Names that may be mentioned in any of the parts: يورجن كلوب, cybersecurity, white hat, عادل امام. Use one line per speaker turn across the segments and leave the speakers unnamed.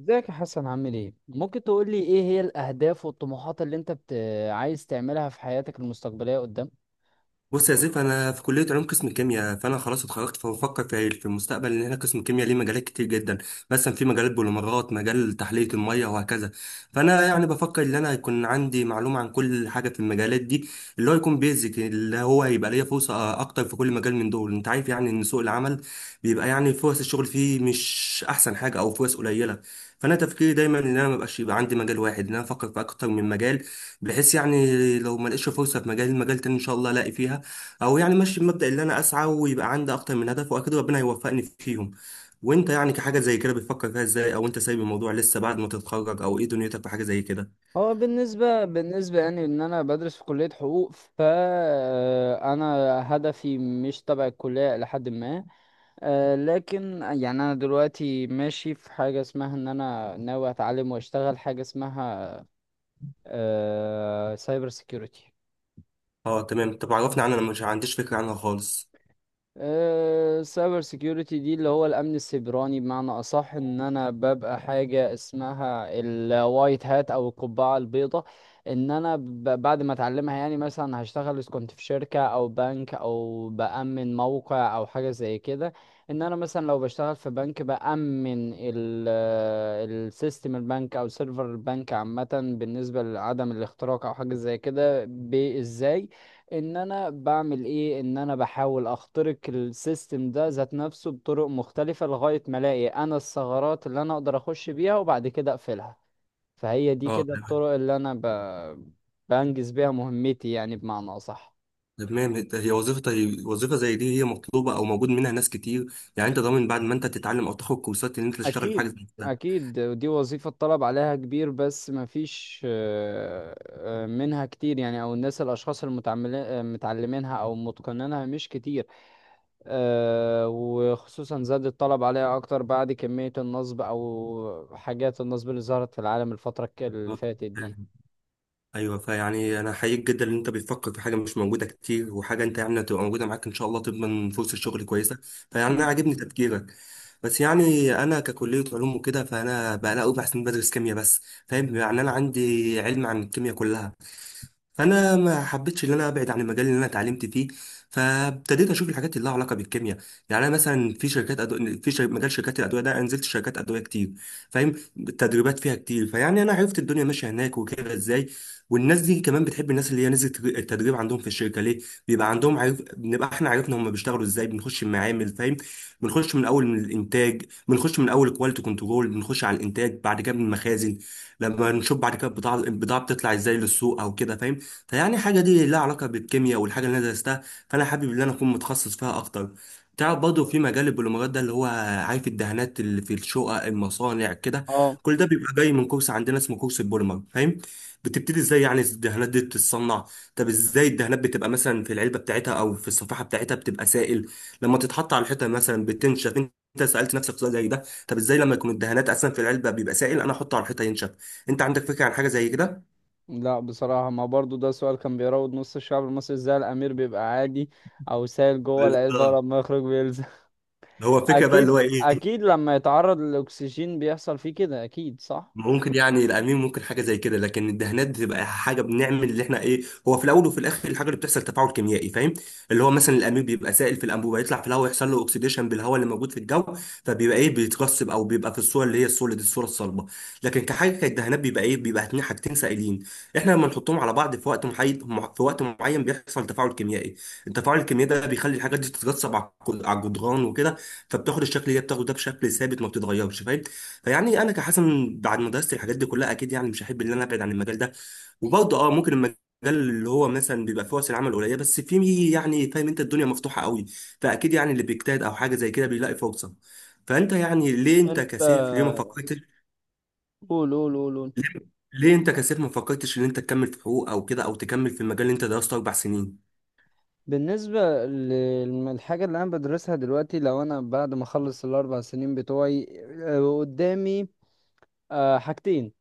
ازيك يا حسن، عامل ايه؟ ممكن تقول لي ايه هي الاهداف والطموحات اللي انت عايز تعملها في حياتك المستقبليه قدام؟
بص يا سيف، انا في كليه علوم قسم الكيمياء، فانا خلاص اتخرجت. فبفكر في المستقبل ان احنا قسم الكيمياء ليه مجالات كتير جدا. مثلا في مجال البوليمرات، مجال تحليه الميه، وهكذا. فانا بفكر ان انا يكون عندي معلومه عن كل حاجه في المجالات دي، اللي هو يكون بيزك، اللي هو هيبقى ليا فرصه اكتر في كل مجال من دول. انت عارف يعني ان سوق العمل بيبقى يعني فرص الشغل فيه مش احسن حاجه، او فرص قليله. فانا تفكيري دايما ان انا مبقاش يبقى عندي مجال واحد، ان انا افكر في اكتر من مجال، بحيث يعني لو ما لقيتش فرصه في مجال، مجال تاني ان شاء الله الاقي فيها. او يعني ماشي بمبدأ اللي انا اسعى ويبقى عندي اكتر من هدف، واكيد ربنا هيوفقني فيهم. وانت يعني كحاجة زي كده بتفكر فيها ازاي؟ او انت سايب الموضوع لسه بعد ما تتخرج؟ او ايه دنيتك في حاجة زي كده؟
هو بالنسبه يعني ان انا بدرس في كليه حقوق، فانا هدفي مش تبع الكليه لحد ما. لكن يعني انا دلوقتي ماشي في حاجه اسمها ان انا ناوي اتعلم واشتغل حاجه اسمها سايبر سيكيورتي.
اه، تمام. طب عرفني عنها، انا مش عنديش فكرة عنها خالص.
السايبر سيكيورتي دي اللي هو الامن السيبراني بمعنى اصح، ان انا ببقى حاجه اسمها الوايت هات او القبعه البيضاء. ان انا بعد ما اتعلمها يعني مثلا هشتغل اذا كنت في شركه او بنك او بامن موقع او حاجه زي كده. ان انا مثلا لو بشتغل في بنك بامن السيستم البنك او سيرفر البنك عامه، بالنسبه لعدم الاختراق او حاجه زي كده، بازاي ان انا بعمل ايه؟ ان انا بحاول اخترق السيستم ده ذات نفسه بطرق مختلفة لغاية ما الاقي انا الثغرات اللي انا اقدر اخش بيها وبعد كده اقفلها. فهي دي
اه،
كده الطرق اللي انا بنجز بيها مهمتي يعني، بمعنى اصح.
تمام. ده هي وظيفة، هي وظيفة زي دي هي مطلوبة او موجود منها ناس كتير؟ يعني انت ضامن بعد ما انت تتعلم او تاخد كورسات ان انت تشتغل في حاجة
اكيد
زي كده؟
اكيد، ودي وظيفة الطلب عليها كبير، بس مفيش منها كتير يعني، او الناس الاشخاص المتعملين متعلمينها او متقنينها مش كتير. وخصوصا زاد الطلب عليها أكتر بعد كمية النصب أو حاجات النصب اللي ظهرت في العالم الفترة اللي فاتت دي.
اه. ايوه، فيعني انا حقيقي جدا ان انت بتفكر في حاجه مش موجوده كتير، وحاجه انت يعني هتبقى موجوده معاك ان شاء الله تضمن فرصه شغل كويسه. فيعني انا
أكيد.
عاجبني تفكيرك. بس يعني انا ككليه علوم وكده، فانا بقى لا بحسن بدرس كيمياء بس، فاهم؟ يعني انا عندي علم عن الكيمياء كلها، فانا ما حبيتش ان انا ابعد عن المجال اللي انا اتعلمت فيه. فابتديت اشوف الحاجات اللي لها علاقه بالكيمياء. يعني انا مثلا في شركات مجال شركات الادويه ده، أنا نزلت شركات ادويه كتير، فاهم؟ التدريبات فيها كتير، فيعني انا عرفت الدنيا ماشيه هناك وكده ازاي. والناس دي كمان بتحب الناس اللي هي نزلت التدريب عندهم في الشركه، ليه؟ بيبقى عندهم عارف، بنبقى احنا عرفنا هم بيشتغلوا ازاي. بنخش المعامل، فاهم؟ بنخش من اول من الانتاج، بنخش من اول كواليتي كنترول، بنخش على الانتاج، بعد كده من المخازن، لما نشوف بعد كده البضاعه، بتطلع ازاي للسوق او كده، فاهم؟ فيعني حاجة دي لها علاقة بالكيمياء والحاجة اللي أنا درستها، فأنا حابب إن أنا أكون متخصص فيها أكتر. تعرف برضه في مجال البوليمرات ده اللي هو، عارف الدهانات اللي في الشقق، المصانع كده،
اه،
كل ده بيبقى جاي من كورس عندنا اسمه كورس البوليمر، فاهم؟ بتبتدي ازاي يعني الدهانات دي بتتصنع. طب ازاي الدهانات بتبقى مثلا في العلبة بتاعتها أو في الصفيحة بتاعتها بتبقى سائل، لما تتحط على الحيطة مثلا بتنشف؟ انت سألت نفسك سؤال زي ده؟ طب ازاي لما يكون الدهانات اصلا في العلبة بيبقى سائل، انا احطه على الحيطة ينشف؟ انت عندك فكرة عن حاجة زي كده؟
لا بصراحة، ما برضو ده سؤال كان بيراود نص الشعب المصري، ازاي الأمير بيبقى عادي أو سايل جوه العلبة
بالظبط.
ولما يخرج بيلزق
هو فكرة بقى اللي هو
أكيد
ايه،
أكيد، لما يتعرض للأكسجين بيحصل فيه كده. أكيد صح؟
ممكن يعني القميم ممكن حاجة زي كده، لكن الدهانات بتبقى حاجة بنعمل اللي احنا ايه، هو في الأول وفي الآخر الحاجة اللي بتحصل تفاعل كيميائي، فاهم؟ اللي هو مثلا القميم بيبقى سائل في الأنبوبة، يطلع في الهواء يحصل له أكسيديشن بالهواء اللي موجود في الجو، فبيبقى ايه، بيترسب أو بيبقى في الصورة اللي هي السوليد، الصورة الصلبة. لكن كحاجة كالدهانات بيبقى ايه، بيبقى اتنين حاجتين سائلين. احنا لما نحطهم على بعض في وقت محايد، في وقت معين بيحصل تفاعل كيميائي، التفاعل الكيميائي ده بيخلي الحاجات دي تترسب على الجدران وكده، فبتاخد الشكل اللي هي بتاخده ده بشكل ثابت ما بتتغيرش، فاهم؟ فيعني انا كحسن بعد ما درست الحاجات دي كلها، اكيد يعني مش هحب ان انا ابعد عن المجال ده. وبرضه اه، ممكن المجال اللي هو مثلا بيبقى فيه فرص العمل قليله، بس فيه يعني، فاهم؟ انت الدنيا مفتوحه قوي، فاكيد يعني اللي بيجتهد او حاجه زي كده بيلاقي فرصه. فانت يعني ليه، انت
أنت،
كسيف ليه ما فكرتش؟
قول قول قول قول.
ليه، ليه انت كسيف ما فكرتش ان انت تكمل في حقوق او كده، او تكمل في المجال اللي انت درسته اربع سنين؟
بالنسبة للحاجة اللي أنا بدرسها دلوقتي، لو أنا بعد ما أخلص الـ4 سنين بتوعي قدامي حاجتين.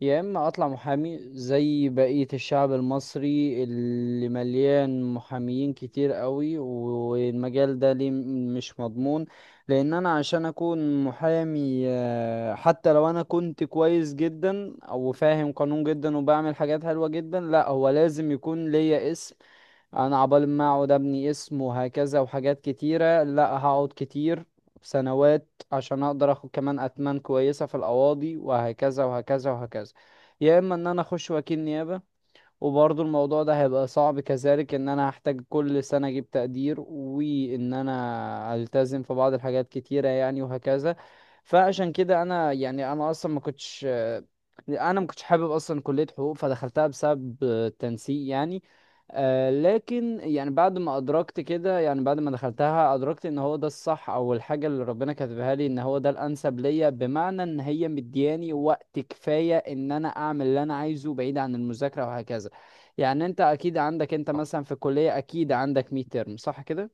يا إما أطلع محامي زي بقية الشعب المصري اللي مليان محاميين كتير قوي، والمجال ده ليه مش مضمون. لأن أنا عشان أكون محامي، حتى لو أنا كنت كويس جدا أو فاهم قانون جدا وبعمل حاجات حلوة جدا، لا هو لازم يكون ليا اسم. انا عبال ما اقعد ابني اسم وهكذا وحاجات كتيرة، لا، هقعد كتير سنوات عشان اقدر اخد كمان اتمان كويسة في القواضي وهكذا وهكذا وهكذا. يا اما ان انا اخش وكيل نيابة، وبرضو الموضوع ده هيبقى صعب كذلك، ان انا هحتاج كل سنة اجيب تقدير وان انا التزم في بعض الحاجات كتيرة يعني، وهكذا. فعشان كده انا يعني انا ما كنتش حابب اصلا كلية حقوق، فدخلتها بسبب تنسيق يعني. لكن يعني بعد ما ادركت كده، يعني بعد ما دخلتها ادركت ان هو ده الصح او الحاجة اللي ربنا كاتبها لي، ان هو ده الانسب ليا، بمعنى ان هي مدياني وقت كفاية ان انا اعمل اللي انا عايزه بعيد عن المذاكرة وهكذا. يعني انت اكيد عندك، انت مثلا في الكلية اكيد عندك ميد ترم، صح كده؟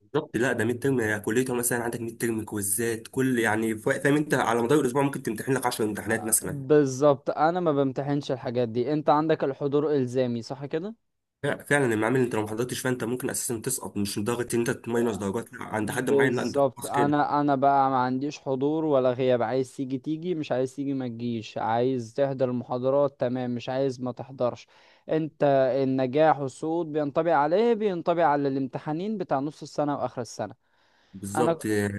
بالظبط. لا، ده ميد ترم كليته، مثلا عندك ميد ترم، كويزات، كل يعني فاهم انت على مدار الاسبوع ممكن تمتحن لك 10 امتحانات مثلا.
بالظبط، انا ما بمتحنش الحاجات دي. انت عندك الحضور الزامي، صح كده؟
فعلا المعامل اللي انت لو ما حضرتش فانت ممكن اساسا تسقط، مش لدرجه ان انت تماينس درجات لا، عند حد معين لا انت
بالظبط،
خلاص كده.
انا بقى ما عنديش حضور ولا غياب، عايز تيجي تيجي، مش عايز تيجي ما تجيش، عايز تحضر المحاضرات تمام، مش عايز ما تحضرش. انت، النجاح والصعود بينطبق على ايه؟ بينطبق على الامتحانين بتاع نص السنة واخر السنة. انا،
بالظبط. آه.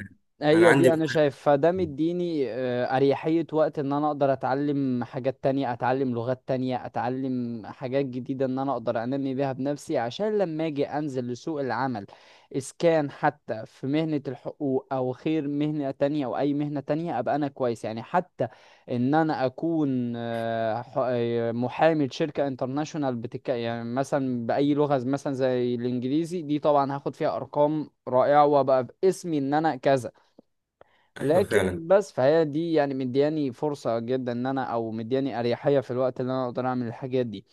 انا
هي
عندي،
دي انا شايف فده مديني اريحية وقت ان انا اقدر اتعلم حاجات تانية، اتعلم لغات تانية، اتعلم حاجات جديدة ان انا اقدر انمي بيها بنفسي عشان لما اجي انزل لسوق العمل. اذا كان حتى في مهنة الحقوق او خير مهنة تانية او اي مهنة تانية، ابقى انا كويس يعني، حتى ان انا اكون محامي شركة انترناشونال بتك، يعني مثلا باي لغة مثلا زي الانجليزي دي، طبعا هاخد فيها ارقام رائعة وابقى باسمي ان انا كذا.
ايوه فعلا.
لكن بس فهي دي يعني مدياني فرصة جدا ان انا، او مدياني اريحية في الوقت اللي انا اقدر اعمل الحاجات دي.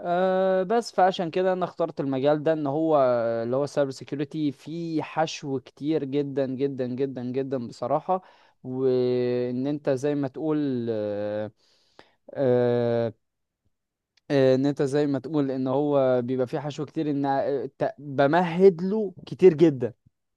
أه، بس فعشان كده انا اخترت المجال ده ان هو اللي هو سايبر سيكيورتي، فيه حشو كتير جدا جدا جدا جدا بصراحة. وان انت زي ما تقول أه أه آه، ان انت زي ما تقول ان هو بيبقى فيه حشو كتير، ان بمهد له كتير جدا،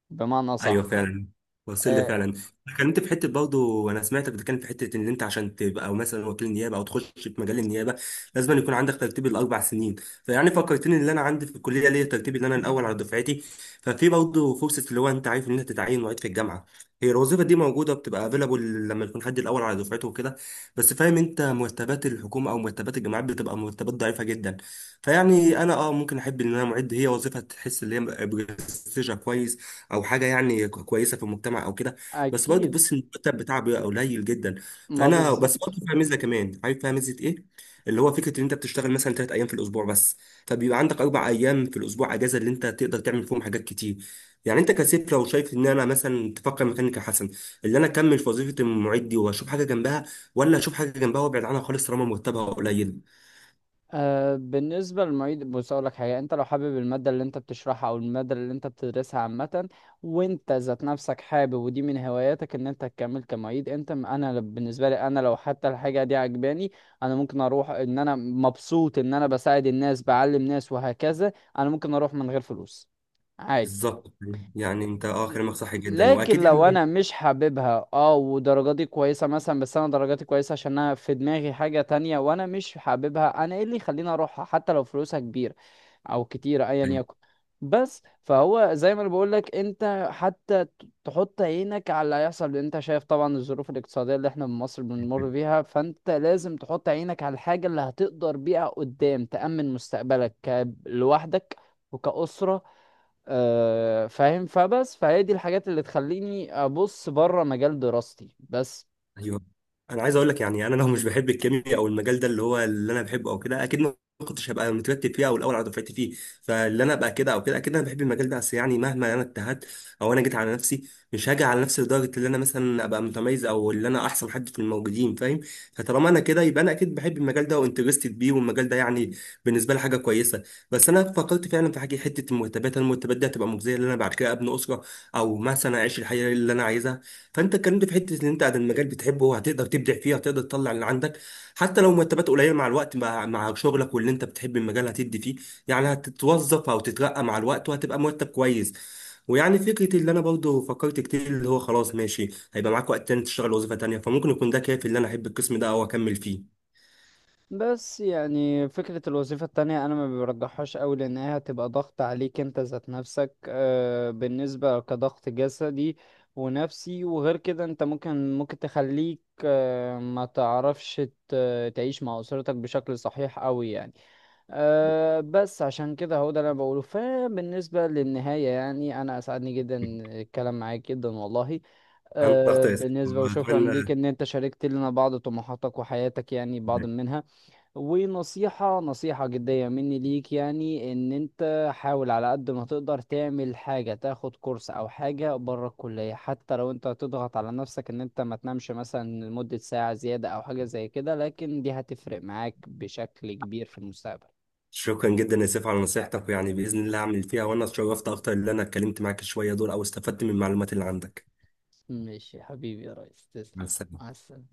بمعنى
ايوه
صح.
فعلا، وصل لي
أه،
فعلا. اتكلمت في حته، برضه انا سمعتك بتتكلم في حته ان انت عشان تبقى مثلا وكيل نيابه او تخش في مجال النيابه لازم يكون عندك ترتيب الاربع سنين. فيعني فكرتني ان انا عندي في الكليه ليا ترتيب، ان انا الاول على دفعتي. ففي برضه فرصه اللي هو انت عارف ان انت تتعين معيد في الجامعه. هي الوظيفه دي موجوده، بتبقى افيلابل لما يكون حد الاول على دفعته وكده. بس فاهم انت مرتبات الحكومه او مرتبات الجامعات بتبقى مرتبات ضعيفه جدا. فيعني انا اه، ممكن احب ان انا معد، هي وظيفه تحس ان هي برستيجها كويس، او حاجه يعني كويسه في المجتمع او كده. بس برضه
اكيد،
بص، المرتب بتاعه بيبقى قليل جدا.
ما
فانا بس
بالظبط.
برضه فيها ميزه كمان، عارف فيها ميزه ايه؟ اللي هو فكره ان انت بتشتغل مثلا ثلاث ايام في الاسبوع بس، فبيبقى عندك اربع ايام في الاسبوع اجازه اللي انت تقدر تعمل فيهم حاجات كتير. يعني انت كسيف لو شايف، ان انا مثلا تفكر مكاني كحسن، اللي انا اكمل في وظيفه المعيد دي واشوف حاجه جنبها، ولا اشوف حاجه جنبها وابعد عنها خالص طالما مرتبها قليل؟
أه، بالنسبة للمعيد، بص أقول لك حاجة. أنت لو حابب المادة اللي أنت بتشرحها أو المادة اللي أنت بتدرسها عامة، وأنت ذات نفسك حابب ودي من هواياتك إن أنت تكمل كمعيد، أنت م- أنا ل- بالنسبة لي أنا لو حتى الحاجة دي عجباني، أنا ممكن أروح إن أنا مبسوط إن أنا بساعد الناس، بعلم ناس وهكذا. أنا ممكن أروح من غير فلوس عادي.
بالظبط. يعني انت اه كلامك صح جدا
لكن
واكيد.
لو انا مش حاببها، ودرجاتي كويسه مثلا، بس انا درجاتي كويسه عشان انا في دماغي حاجه تانية وانا مش حاببها، انا ايه اللي يخليني اروحها حتى لو فلوسها كبيره او كتيره ايا
يعني
يكن. بس فهو زي ما انا بقول لك، انت حتى تحط عينك على اللي هيحصل، لان انت شايف طبعا الظروف الاقتصاديه اللي احنا في مصر بنمر بيها، فانت لازم تحط عينك على الحاجه اللي هتقدر بيها قدام تأمن مستقبلك لوحدك وكأسرة. فاهم، فبس فهي دي الحاجات اللي تخليني ابص بره مجال دراستي بس.
ايوه، انا عايز اقول لك يعني انا لو مش بحب الكيمياء او المجال ده اللي هو اللي انا بحبه او كده، اكيد ما كنتش هبقى مترتب فيه او الاول على دفعتي فيه. فاللي انا ابقى كده او كده، اكيد انا بحب المجال ده. بس يعني مهما انا اجتهدت او انا جيت على نفسي، مش هاجي على نفسي لدرجه ان انا مثلا ابقى متميز او اللي انا احسن حد في الموجودين، فاهم؟ فطالما انا كده يبقى انا اكيد بحب المجال ده وانترستد بيه، والمجال ده يعني بالنسبه لي حاجه كويسه. بس انا فكرت فعلا في حاجه، حته المرتبات، دي هتبقى مجزيه ان انا بعد كده ابني اسره او مثلا اعيش الحياه اللي انا عايزها؟ فانت اتكلمت في حته ان انت عن المجال بتحبه هتقدر تبدع فيه، هتقدر تطلع اللي عندك، حتى لو مرتبات قليله مع الوقت، مع شغلك واللي انت بتحب المجال هتدي فيه، يعني هتتوظف او تترقى مع الوقت وهتبقى مرتب كويس. ويعني فكرة اللي انا برضه فكرت كتير، اللي هو خلاص ماشي هيبقى معاك وقت تاني تشتغل وظيفة تانية، فممكن يكون ده كافي اللي انا احب القسم ده او اكمل فيه.
بس يعني فكرة الوظيفة التانية أنا ما برجحهاش أوي، لأنها هتبقى ضغط عليك أنت ذات نفسك، بالنسبة كضغط جسدي ونفسي، وغير كده أنت ممكن تخليك ما تعرفش تعيش مع أسرتك بشكل صحيح أوي يعني. بس عشان كده هو ده اللي أنا بقوله. فبالنسبة للنهاية يعني، أنا أسعدني جدا الكلام معاك جدا والله.
انا اختار،
بالنسبة، وشكرا ليك
اتمنى.
ان انت شاركت لنا بعض طموحاتك وحياتك يعني، بعض منها. ونصيحة نصيحة جدية مني ليك يعني، ان انت حاول على قد ما تقدر تعمل حاجة، تاخد كورس او حاجة بره الكلية، حتى لو انت هتضغط على نفسك ان انت ما تنامش مثلا لمدة ساعة زيادة او حاجة زي كده، لكن دي هتفرق معاك بشكل كبير في المستقبل.
شكرا جدا يا سيف على نصيحتك، ويعني باذن الله اعمل فيها، وانا اتشرفت اكتر اللي انا اتكلمت معاك شويه دول او استفدت من المعلومات اللي عندك.
ماشي يا حبيبي يا ريس، تسلم.
مع
مع
السلامه.
السلامة.